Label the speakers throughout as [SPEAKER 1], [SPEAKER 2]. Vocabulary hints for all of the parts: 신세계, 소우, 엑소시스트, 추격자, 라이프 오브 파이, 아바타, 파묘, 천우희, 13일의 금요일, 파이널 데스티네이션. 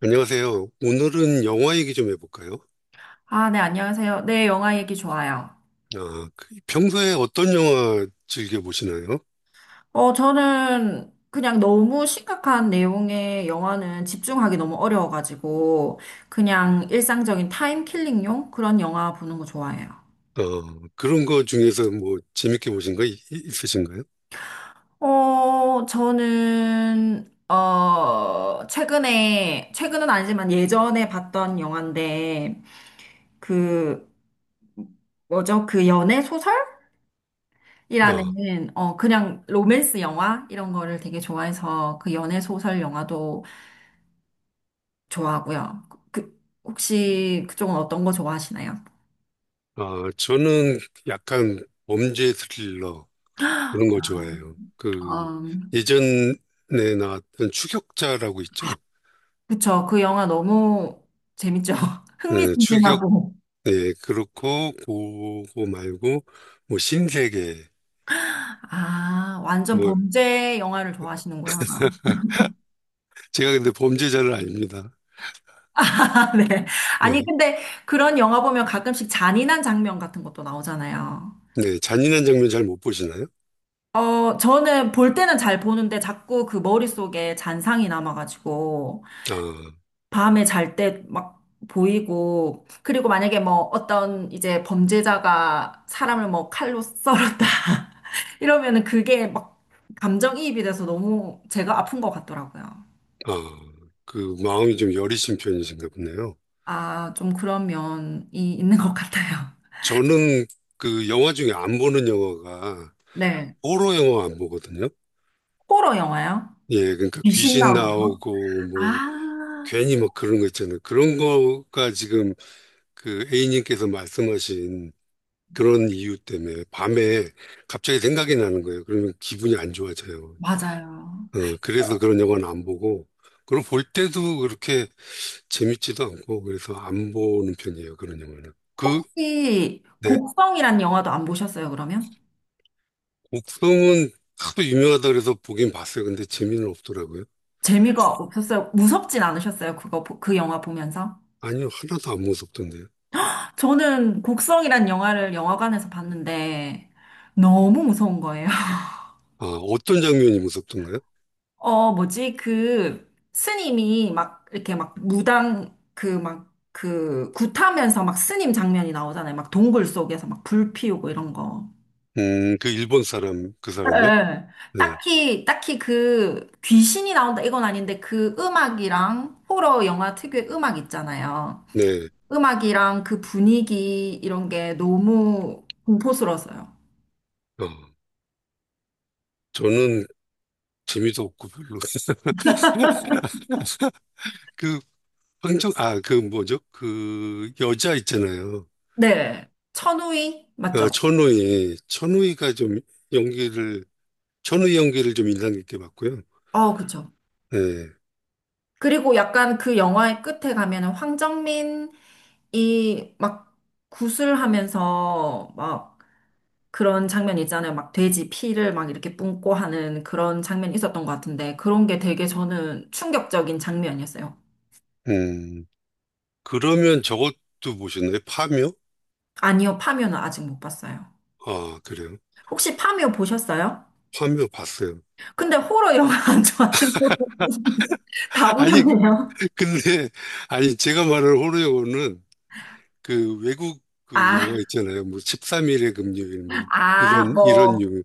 [SPEAKER 1] 안녕하세요. 오늘은 영화 얘기 좀 해볼까요?
[SPEAKER 2] 아, 네, 안녕하세요. 네, 영화 얘기 좋아요.
[SPEAKER 1] 평소에 어떤 영화 즐겨 보시나요?
[SPEAKER 2] 저는 그냥 너무 심각한 내용의 영화는 집중하기 너무 어려워가지고, 그냥 일상적인 타임킬링용 그런 영화 보는 거 좋아해요.
[SPEAKER 1] 그런 거 중에서 뭐 재밌게 보신 거 있으신가요?
[SPEAKER 2] 최근에, 최근은 아니지만 예전에 봤던 영화인데, 그, 뭐죠? 그 연애 소설이라는,
[SPEAKER 1] 아,
[SPEAKER 2] 그냥 로맨스 영화? 이런 거를 되게 좋아해서 그 연애 소설 영화도 좋아하고요. 그, 혹시 그쪽은 어떤 거 좋아하시나요?
[SPEAKER 1] 저는 약간 범죄 스릴러 그런 거 좋아해요. 그
[SPEAKER 2] 음,
[SPEAKER 1] 예전에 나왔던 추격자라고 있죠?
[SPEAKER 2] 그쵸. 그 영화 너무 재밌죠.
[SPEAKER 1] 네, 추격,
[SPEAKER 2] 흥미진진하고.
[SPEAKER 1] 네, 그렇고 그거 말고 뭐 신세계
[SPEAKER 2] 아, 완전
[SPEAKER 1] 뭐
[SPEAKER 2] 범죄 영화를 좋아하시는구나.
[SPEAKER 1] 제가 근데 범죄자를 아닙니다.
[SPEAKER 2] 아, 네. 아니,
[SPEAKER 1] 네,
[SPEAKER 2] 근데 그런 영화 보면 가끔씩 잔인한 장면 같은 것도 나오잖아요.
[SPEAKER 1] 네, 잔인한 장면 잘 못 보시나요?
[SPEAKER 2] 저는 볼 때는 잘 보는데 자꾸 그 머릿속에 잔상이 남아가지고
[SPEAKER 1] 아,
[SPEAKER 2] 밤에 잘 때 막 보이고, 그리고 만약에 뭐 어떤 이제 범죄자가 사람을 뭐 칼로 썰었다. 이러면은 그게 막 감정이입이 돼서 너무 제가 아픈 것 같더라고요.
[SPEAKER 1] 아, 그 마음이 좀 여리신 편이신가 보네요.
[SPEAKER 2] 아, 좀 그런 면이 있는 것 같아요.
[SPEAKER 1] 저는 그 영화 중에 안 보는 영화가
[SPEAKER 2] 네.
[SPEAKER 1] 호러 영화 안 보거든요.
[SPEAKER 2] 호러 영화요?
[SPEAKER 1] 예, 그러니까
[SPEAKER 2] 귀신
[SPEAKER 1] 귀신
[SPEAKER 2] 나오는 거?
[SPEAKER 1] 나오고 뭐
[SPEAKER 2] 아,
[SPEAKER 1] 괜히 막 그런 거 있잖아요. 그런 거가 지금 그 A님께서 말씀하신 그런 이유 때문에 밤에 갑자기 생각이 나는 거예요. 그러면 기분이 안 좋아져요.
[SPEAKER 2] 맞아요.
[SPEAKER 1] 그래서
[SPEAKER 2] 혹-
[SPEAKER 1] 그런 영화는 안 보고 그리고 볼 때도 그렇게 재밌지도 않고 그래서 안 보는 편이에요. 그런 영화는. 그
[SPEAKER 2] 혹시
[SPEAKER 1] 네.
[SPEAKER 2] 곡성이란 영화도 안 보셨어요, 그러면?
[SPEAKER 1] 목성은 하도 유명하다 그래서 보긴 봤어요. 근데 재미는 없더라고요.
[SPEAKER 2] 재미가 없었어요? 무섭진 않으셨어요? 그 영화 보면서?
[SPEAKER 1] 아니요, 하나도 안 무섭던데요.
[SPEAKER 2] 저는 곡성이란 영화를 영화관에서 봤는데 너무 무서운 거예요.
[SPEAKER 1] 아, 어떤 장면이 무섭던가요?
[SPEAKER 2] 뭐지? 그 스님이 막 이렇게 막 무당 그 막 그 굿하면서 막 스님 장면이 나오잖아요. 막 동굴 속에서 막 불 피우고 이런 거.
[SPEAKER 1] 그 일본 사람, 그
[SPEAKER 2] 예.
[SPEAKER 1] 사람이요?
[SPEAKER 2] 예.
[SPEAKER 1] 네,
[SPEAKER 2] 딱히 그 귀신이 나온다 이건 아닌데 그 음악이랑 호러 영화 특유의 음악 있잖아요.
[SPEAKER 1] 네.
[SPEAKER 2] 음악이랑 그 분위기 이런 게 너무 공포스러웠어요.
[SPEAKER 1] 어, 저는 재미도 없고 별로. 그 그 뭐죠? 그 여자 있잖아요.
[SPEAKER 2] 네. 천우희?
[SPEAKER 1] 아,
[SPEAKER 2] 맞죠?
[SPEAKER 1] 천우희. 연기를, 천우희 연기를 좀 인상 깊게 봤고요.
[SPEAKER 2] 그쵸.
[SPEAKER 1] 네.
[SPEAKER 2] 그리고 약간 그 영화의 끝에 가면은 황정민이 막 구슬하면서 막 그런 장면 있잖아요. 막 돼지 피를 막 이렇게 뿜고 하는 그런 장면이 있었던 것 같은데 그런 게 되게 저는 충격적인 장면이었어요.
[SPEAKER 1] 음, 그러면 저것도 보셨나요? 파묘?
[SPEAKER 2] 아니요, 파묘는 아직 못 봤어요.
[SPEAKER 1] 아, 그래요.
[SPEAKER 2] 혹시 파묘 보셨어요?
[SPEAKER 1] 화면 봤어요.
[SPEAKER 2] 근데 호러 영화 안 좋아하시는 분다
[SPEAKER 1] 아니,
[SPEAKER 2] 보셨네요.
[SPEAKER 1] 근데, 아니, 제가 말하는 호러요는 그 외국 그 영화
[SPEAKER 2] 아,
[SPEAKER 1] 있잖아요. 뭐 13일의 금요일,
[SPEAKER 2] 아,
[SPEAKER 1] 이런, 이런
[SPEAKER 2] 뭐.
[SPEAKER 1] 유.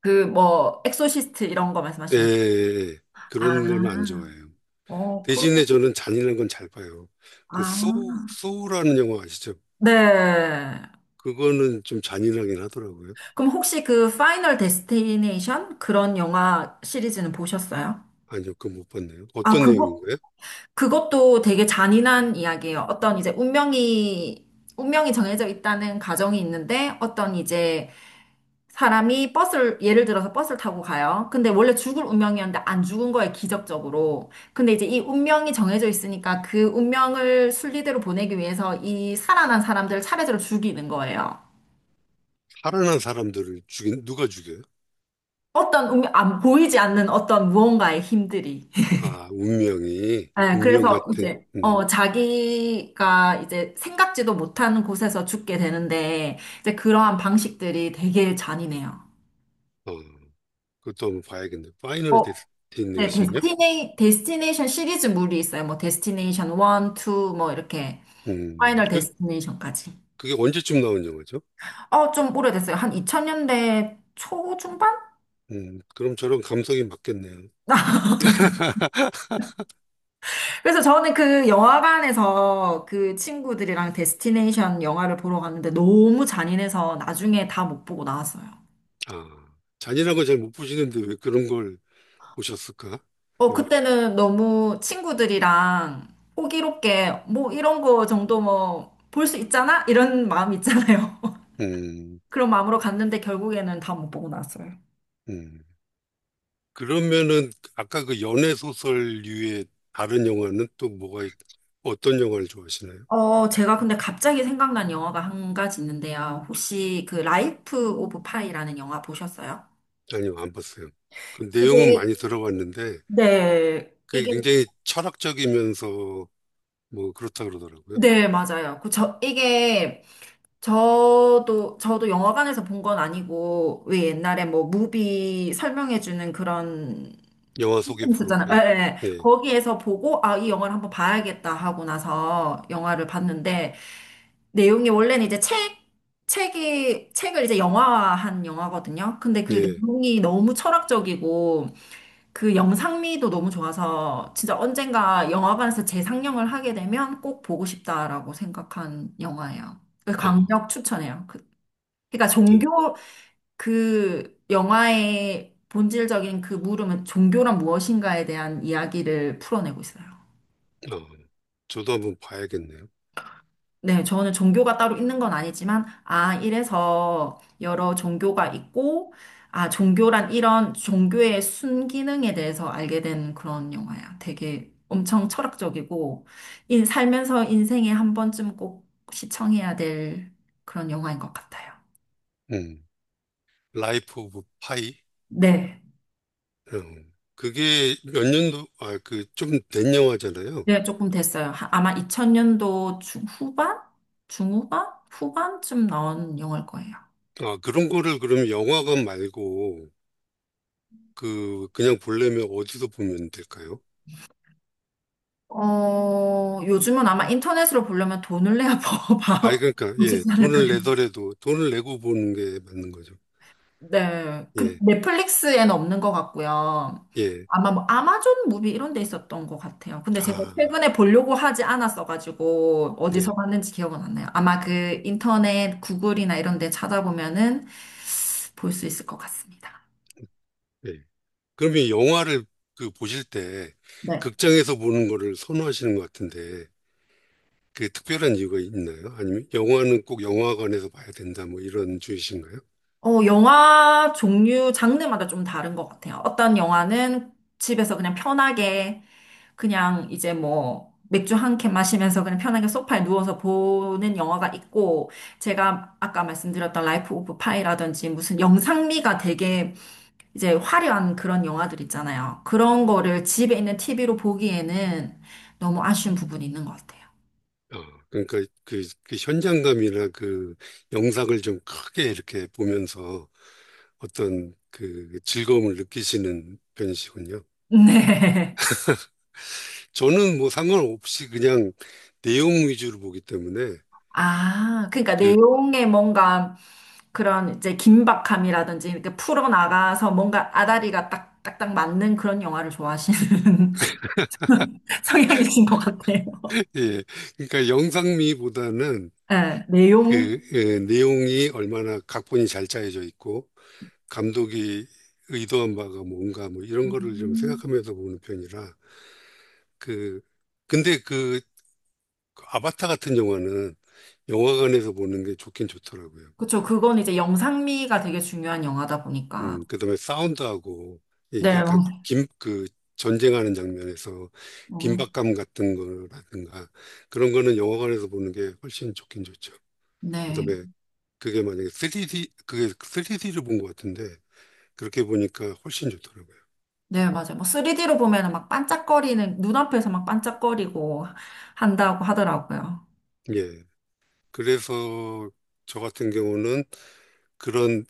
[SPEAKER 2] 그 뭐 엑소시스트 이런 거
[SPEAKER 1] 예,
[SPEAKER 2] 말씀하시는 거.
[SPEAKER 1] 예, 예. 그런 건 안
[SPEAKER 2] 아,
[SPEAKER 1] 좋아해요.
[SPEAKER 2] 그럼
[SPEAKER 1] 대신에 저는 잔인한 건 잘 봐요.
[SPEAKER 2] 아,
[SPEAKER 1] 소우라는 영화 아시죠?
[SPEAKER 2] 네.
[SPEAKER 1] 그거는 좀 잔인하긴 하더라고요.
[SPEAKER 2] 그럼 혹시 그 파이널 데스티네이션 그런 영화 시리즈는 보셨어요?
[SPEAKER 1] 아니요, 그거 못 봤네요.
[SPEAKER 2] 아,
[SPEAKER 1] 어떤
[SPEAKER 2] 그거
[SPEAKER 1] 내용인가요?
[SPEAKER 2] 그것도 되게 잔인한 이야기예요. 어떤 이제 운명이 정해져 있다는 가정이 있는데 어떤 이제 사람이 버스를, 예를 들어서 버스를 타고 가요. 근데 원래 죽을 운명이었는데 안 죽은 거예요, 기적적으로. 근데 이제 이 운명이 정해져 있으니까 그 운명을 순리대로 보내기 위해서 이 살아난 사람들을 차례대로 죽이는 거예요.
[SPEAKER 1] 살아난 사람들을 죽인, 누가 죽여요?
[SPEAKER 2] 어떤 운명, 안, 보이지 않는 어떤 무언가의 힘들이. 네,
[SPEAKER 1] 운명
[SPEAKER 2] 그래서
[SPEAKER 1] 같은,
[SPEAKER 2] 이제,
[SPEAKER 1] 음,
[SPEAKER 2] 자기가 이제 생각지도 못하는 곳에서 죽게 되는데, 이제 그러한 방식들이 되게 잔인해요.
[SPEAKER 1] 어. 그것도 한번 봐야겠네. 파이널
[SPEAKER 2] 어, 네,
[SPEAKER 1] 데스티네이션이요?
[SPEAKER 2] 데스티네이션 시리즈물이 있어요. 뭐, 데스티네이션 1, 2, 뭐, 이렇게,
[SPEAKER 1] 음,
[SPEAKER 2] 파이널
[SPEAKER 1] 그,
[SPEAKER 2] 데스티네이션까지.
[SPEAKER 1] 그게 언제쯤 나온 영화죠?
[SPEAKER 2] 좀 오래됐어요. 한 2000년대 초중반?
[SPEAKER 1] 그럼 저랑 감성이 맞겠네요.
[SPEAKER 2] 그래서 저는 그 영화관에서 그 친구들이랑 데스티네이션 영화를 보러 갔는데 너무 잔인해서 나중에 다 못 보고 나왔어요.
[SPEAKER 1] 아, 잔인한 거 잘 못 보시는데 왜 그런 걸 보셨을까? 요,
[SPEAKER 2] 그때는 너무 친구들이랑 호기롭게 뭐 이런 거 정도 뭐 볼 수 있잖아? 이런 마음 있잖아요.
[SPEAKER 1] 음,
[SPEAKER 2] 그런 마음으로 갔는데 결국에는 다 못 보고 나왔어요.
[SPEAKER 1] 음. 그러면은 아까 그 연애 소설류의 다른 영화는 어떤 영화를 좋아하시나요?
[SPEAKER 2] 제가 근데 갑자기 생각난 영화가 한 가지 있는데요. 혹시 그 라이프 오브 파이라는 영화 보셨어요?
[SPEAKER 1] 아니요, 안 봤어요. 그 내용은
[SPEAKER 2] 이게
[SPEAKER 1] 많이 들어봤는데
[SPEAKER 2] 네,
[SPEAKER 1] 그게
[SPEAKER 2] 이게,
[SPEAKER 1] 굉장히 철학적이면서 뭐 그렇다 그러더라고요.
[SPEAKER 2] 네, 맞아요. 저도 영화관에서 본 건 아니고, 왜 옛날에 뭐, 무비 설명해주는 그런
[SPEAKER 1] 영화 소개
[SPEAKER 2] 있었잖아요.
[SPEAKER 1] 프로그램.
[SPEAKER 2] 예, 예.
[SPEAKER 1] 네.
[SPEAKER 2] 거기에서 보고, 아, 이 영화를 한번 봐야겠다 하고 나서 영화를 봤는데, 내용이 원래는 이제 책을 이제 영화화한 영화거든요. 근데 그
[SPEAKER 1] 예,
[SPEAKER 2] 내용이 너무 철학적이고, 그 영상미도 너무 좋아서, 진짜 언젠가 영화관에서 재상영을 하게 되면 꼭 보고 싶다라고 생각한 영화예요.
[SPEAKER 1] 아,
[SPEAKER 2] 강력 추천해요. 그러니까
[SPEAKER 1] 네.
[SPEAKER 2] 종교, 그 영화의 본질적인 그 물음은 종교란 무엇인가에 대한 이야기를 풀어내고 있어요.
[SPEAKER 1] 어, 저도 한번 봐야겠네요.
[SPEAKER 2] 네, 저는 종교가 따로 있는 건 아니지만, 아, 이래서 여러 종교가 있고, 아, 종교란 이런 종교의 순기능에 대해서 알게 된 그런 영화야. 되게 엄청 철학적이고, 살면서 인생에 한 번쯤 꼭 시청해야 될 그런 영화인 것 같아요.
[SPEAKER 1] 음, 라이프 오브 파이.
[SPEAKER 2] 네.
[SPEAKER 1] 어, 그게 몇 년도, 아, 그 좀 된 영화잖아요.
[SPEAKER 2] 네, 조금 됐어요. 아마 2000년도 중후반? 후반쯤 나온 영화일 거예요.
[SPEAKER 1] 아, 그런 거를 그럼 영화관 말고 그 그냥 보려면 어디서 보면 될까요?
[SPEAKER 2] 요즘은 아마 인터넷으로 보려면 돈을 내야 봐,
[SPEAKER 1] 아,
[SPEAKER 2] 봐-
[SPEAKER 1] 그러니까 예,
[SPEAKER 2] 보시지 않을까요?
[SPEAKER 1] 돈을 내더라도 돈을 내고 보는 게 맞는 거죠.
[SPEAKER 2] 네. 그
[SPEAKER 1] 예,
[SPEAKER 2] 넷플릭스에는 없는 것 같고요.
[SPEAKER 1] 예.
[SPEAKER 2] 아마 뭐 아마존 무비 이런 데 있었던 것 같아요. 근데 제가
[SPEAKER 1] 아,
[SPEAKER 2] 최근에 보려고 하지 않았어가지고
[SPEAKER 1] 네,
[SPEAKER 2] 어디서 봤는지 기억은 안 나요. 아마 그 인터넷 구글이나 이런 데 찾아보면은 볼 수 있을 것 같습니다.
[SPEAKER 1] 예. 그러면 영화를 그 보실 때
[SPEAKER 2] 네.
[SPEAKER 1] 극장에서 보는 거를 선호하시는 것 같은데 그 특별한 이유가 있나요? 아니면 영화는 꼭 영화관에서 봐야 된다 뭐 이런 주의신가요?
[SPEAKER 2] 영화 종류, 장르마다 좀 다른 것 같아요. 어떤 영화는 집에서 그냥 편하게, 그냥 이제 뭐, 맥주 한 캔 마시면서 그냥 편하게 소파에 누워서 보는 영화가 있고, 제가 아까 말씀드렸던 라이프 오브 파이라든지 무슨 영상미가 되게 이제 화려한 그런 영화들 있잖아요. 그런 거를 집에 있는 TV로 보기에는 너무 아쉬운 부분이 있는 것 같아요.
[SPEAKER 1] 어, 그러니까 그 현장감이나 그 영상을 좀 크게 이렇게 보면서 어떤 그 즐거움을 느끼시는 편이시군요.
[SPEAKER 2] 네.
[SPEAKER 1] 저는 뭐 상관없이 그냥 내용 위주로 보기 때문에
[SPEAKER 2] 아, 그러니까
[SPEAKER 1] 그,
[SPEAKER 2] 내용에 뭔가 그런 이제 긴박함이라든지 이렇게 풀어나가서 뭔가 아다리가 딱딱 맞는 그런 영화를 좋아하시는 성향이신 것 같아요.
[SPEAKER 1] 예, 그러니까 영상미보다는
[SPEAKER 2] 네, 내용.
[SPEAKER 1] 그 예, 내용이 얼마나 각본이 잘 짜여져 있고 감독이 의도한 바가 뭔가 뭐 이런 거를 좀
[SPEAKER 2] 음.
[SPEAKER 1] 생각하면서 보는 편이라 그 근데 그 아바타 같은 영화는 영화관에서 보는 게 좋긴 좋더라고요.
[SPEAKER 2] 그쵸. 그건 이제 영상미가 되게 중요한 영화다 보니까.
[SPEAKER 1] 그다음에 사운드하고 이
[SPEAKER 2] 네,
[SPEAKER 1] 약간 김 그 전쟁하는 장면에서
[SPEAKER 2] 어,
[SPEAKER 1] 긴박감 같은 거라든가 그런 거는 영화관에서 보는 게 훨씬 좋긴 좋죠.
[SPEAKER 2] 네.
[SPEAKER 1] 그다음에 그게 만약에 3D 그게 3D를 본 것 같은데 그렇게 보니까 훨씬 좋더라고요.
[SPEAKER 2] 네, 맞아요. 뭐 3D로 보면은 막 반짝거리는, 눈앞에서 막 반짝거리고 한다고 하더라고요.
[SPEAKER 1] 예. 그래서 저 같은 경우는 그런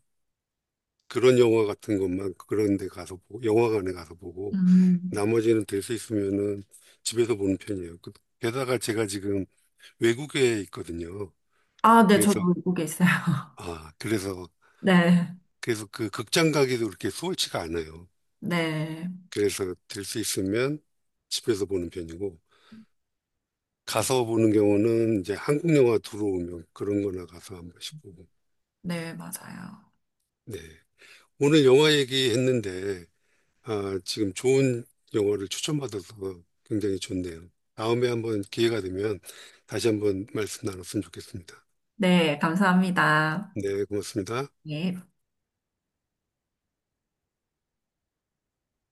[SPEAKER 1] 그런 영화 같은 것만 그런 데 가서 보고 영화관에 가서 보고
[SPEAKER 2] 음.
[SPEAKER 1] 나머지는 될 수 있으면은 집에서 보는 편이에요. 그- 게다가 제가 지금 외국에 있거든요.
[SPEAKER 2] 아, 네, 저도
[SPEAKER 1] 그래서
[SPEAKER 2] 외국에 있어요.
[SPEAKER 1] 그래서
[SPEAKER 2] 네.
[SPEAKER 1] 그래서 그 극장 가기도 그렇게 수월치가 않아요.
[SPEAKER 2] 네,
[SPEAKER 1] 그래서 될 수 있으면 집에서 보는 편이고 가서 보는 경우는 이제 한국 영화 들어오면 그런 거나 가서 한 번씩 보고
[SPEAKER 2] 네, 맞아요.
[SPEAKER 1] 네. 오늘 영화 얘기했는데 아, 지금 좋은 영화를 추천받아서 굉장히 좋네요. 다음에 한번 기회가 되면 다시 한번 말씀 나눴으면 좋겠습니다.
[SPEAKER 2] 네, 감사합니다.
[SPEAKER 1] 네, 고맙습니다.
[SPEAKER 2] 네.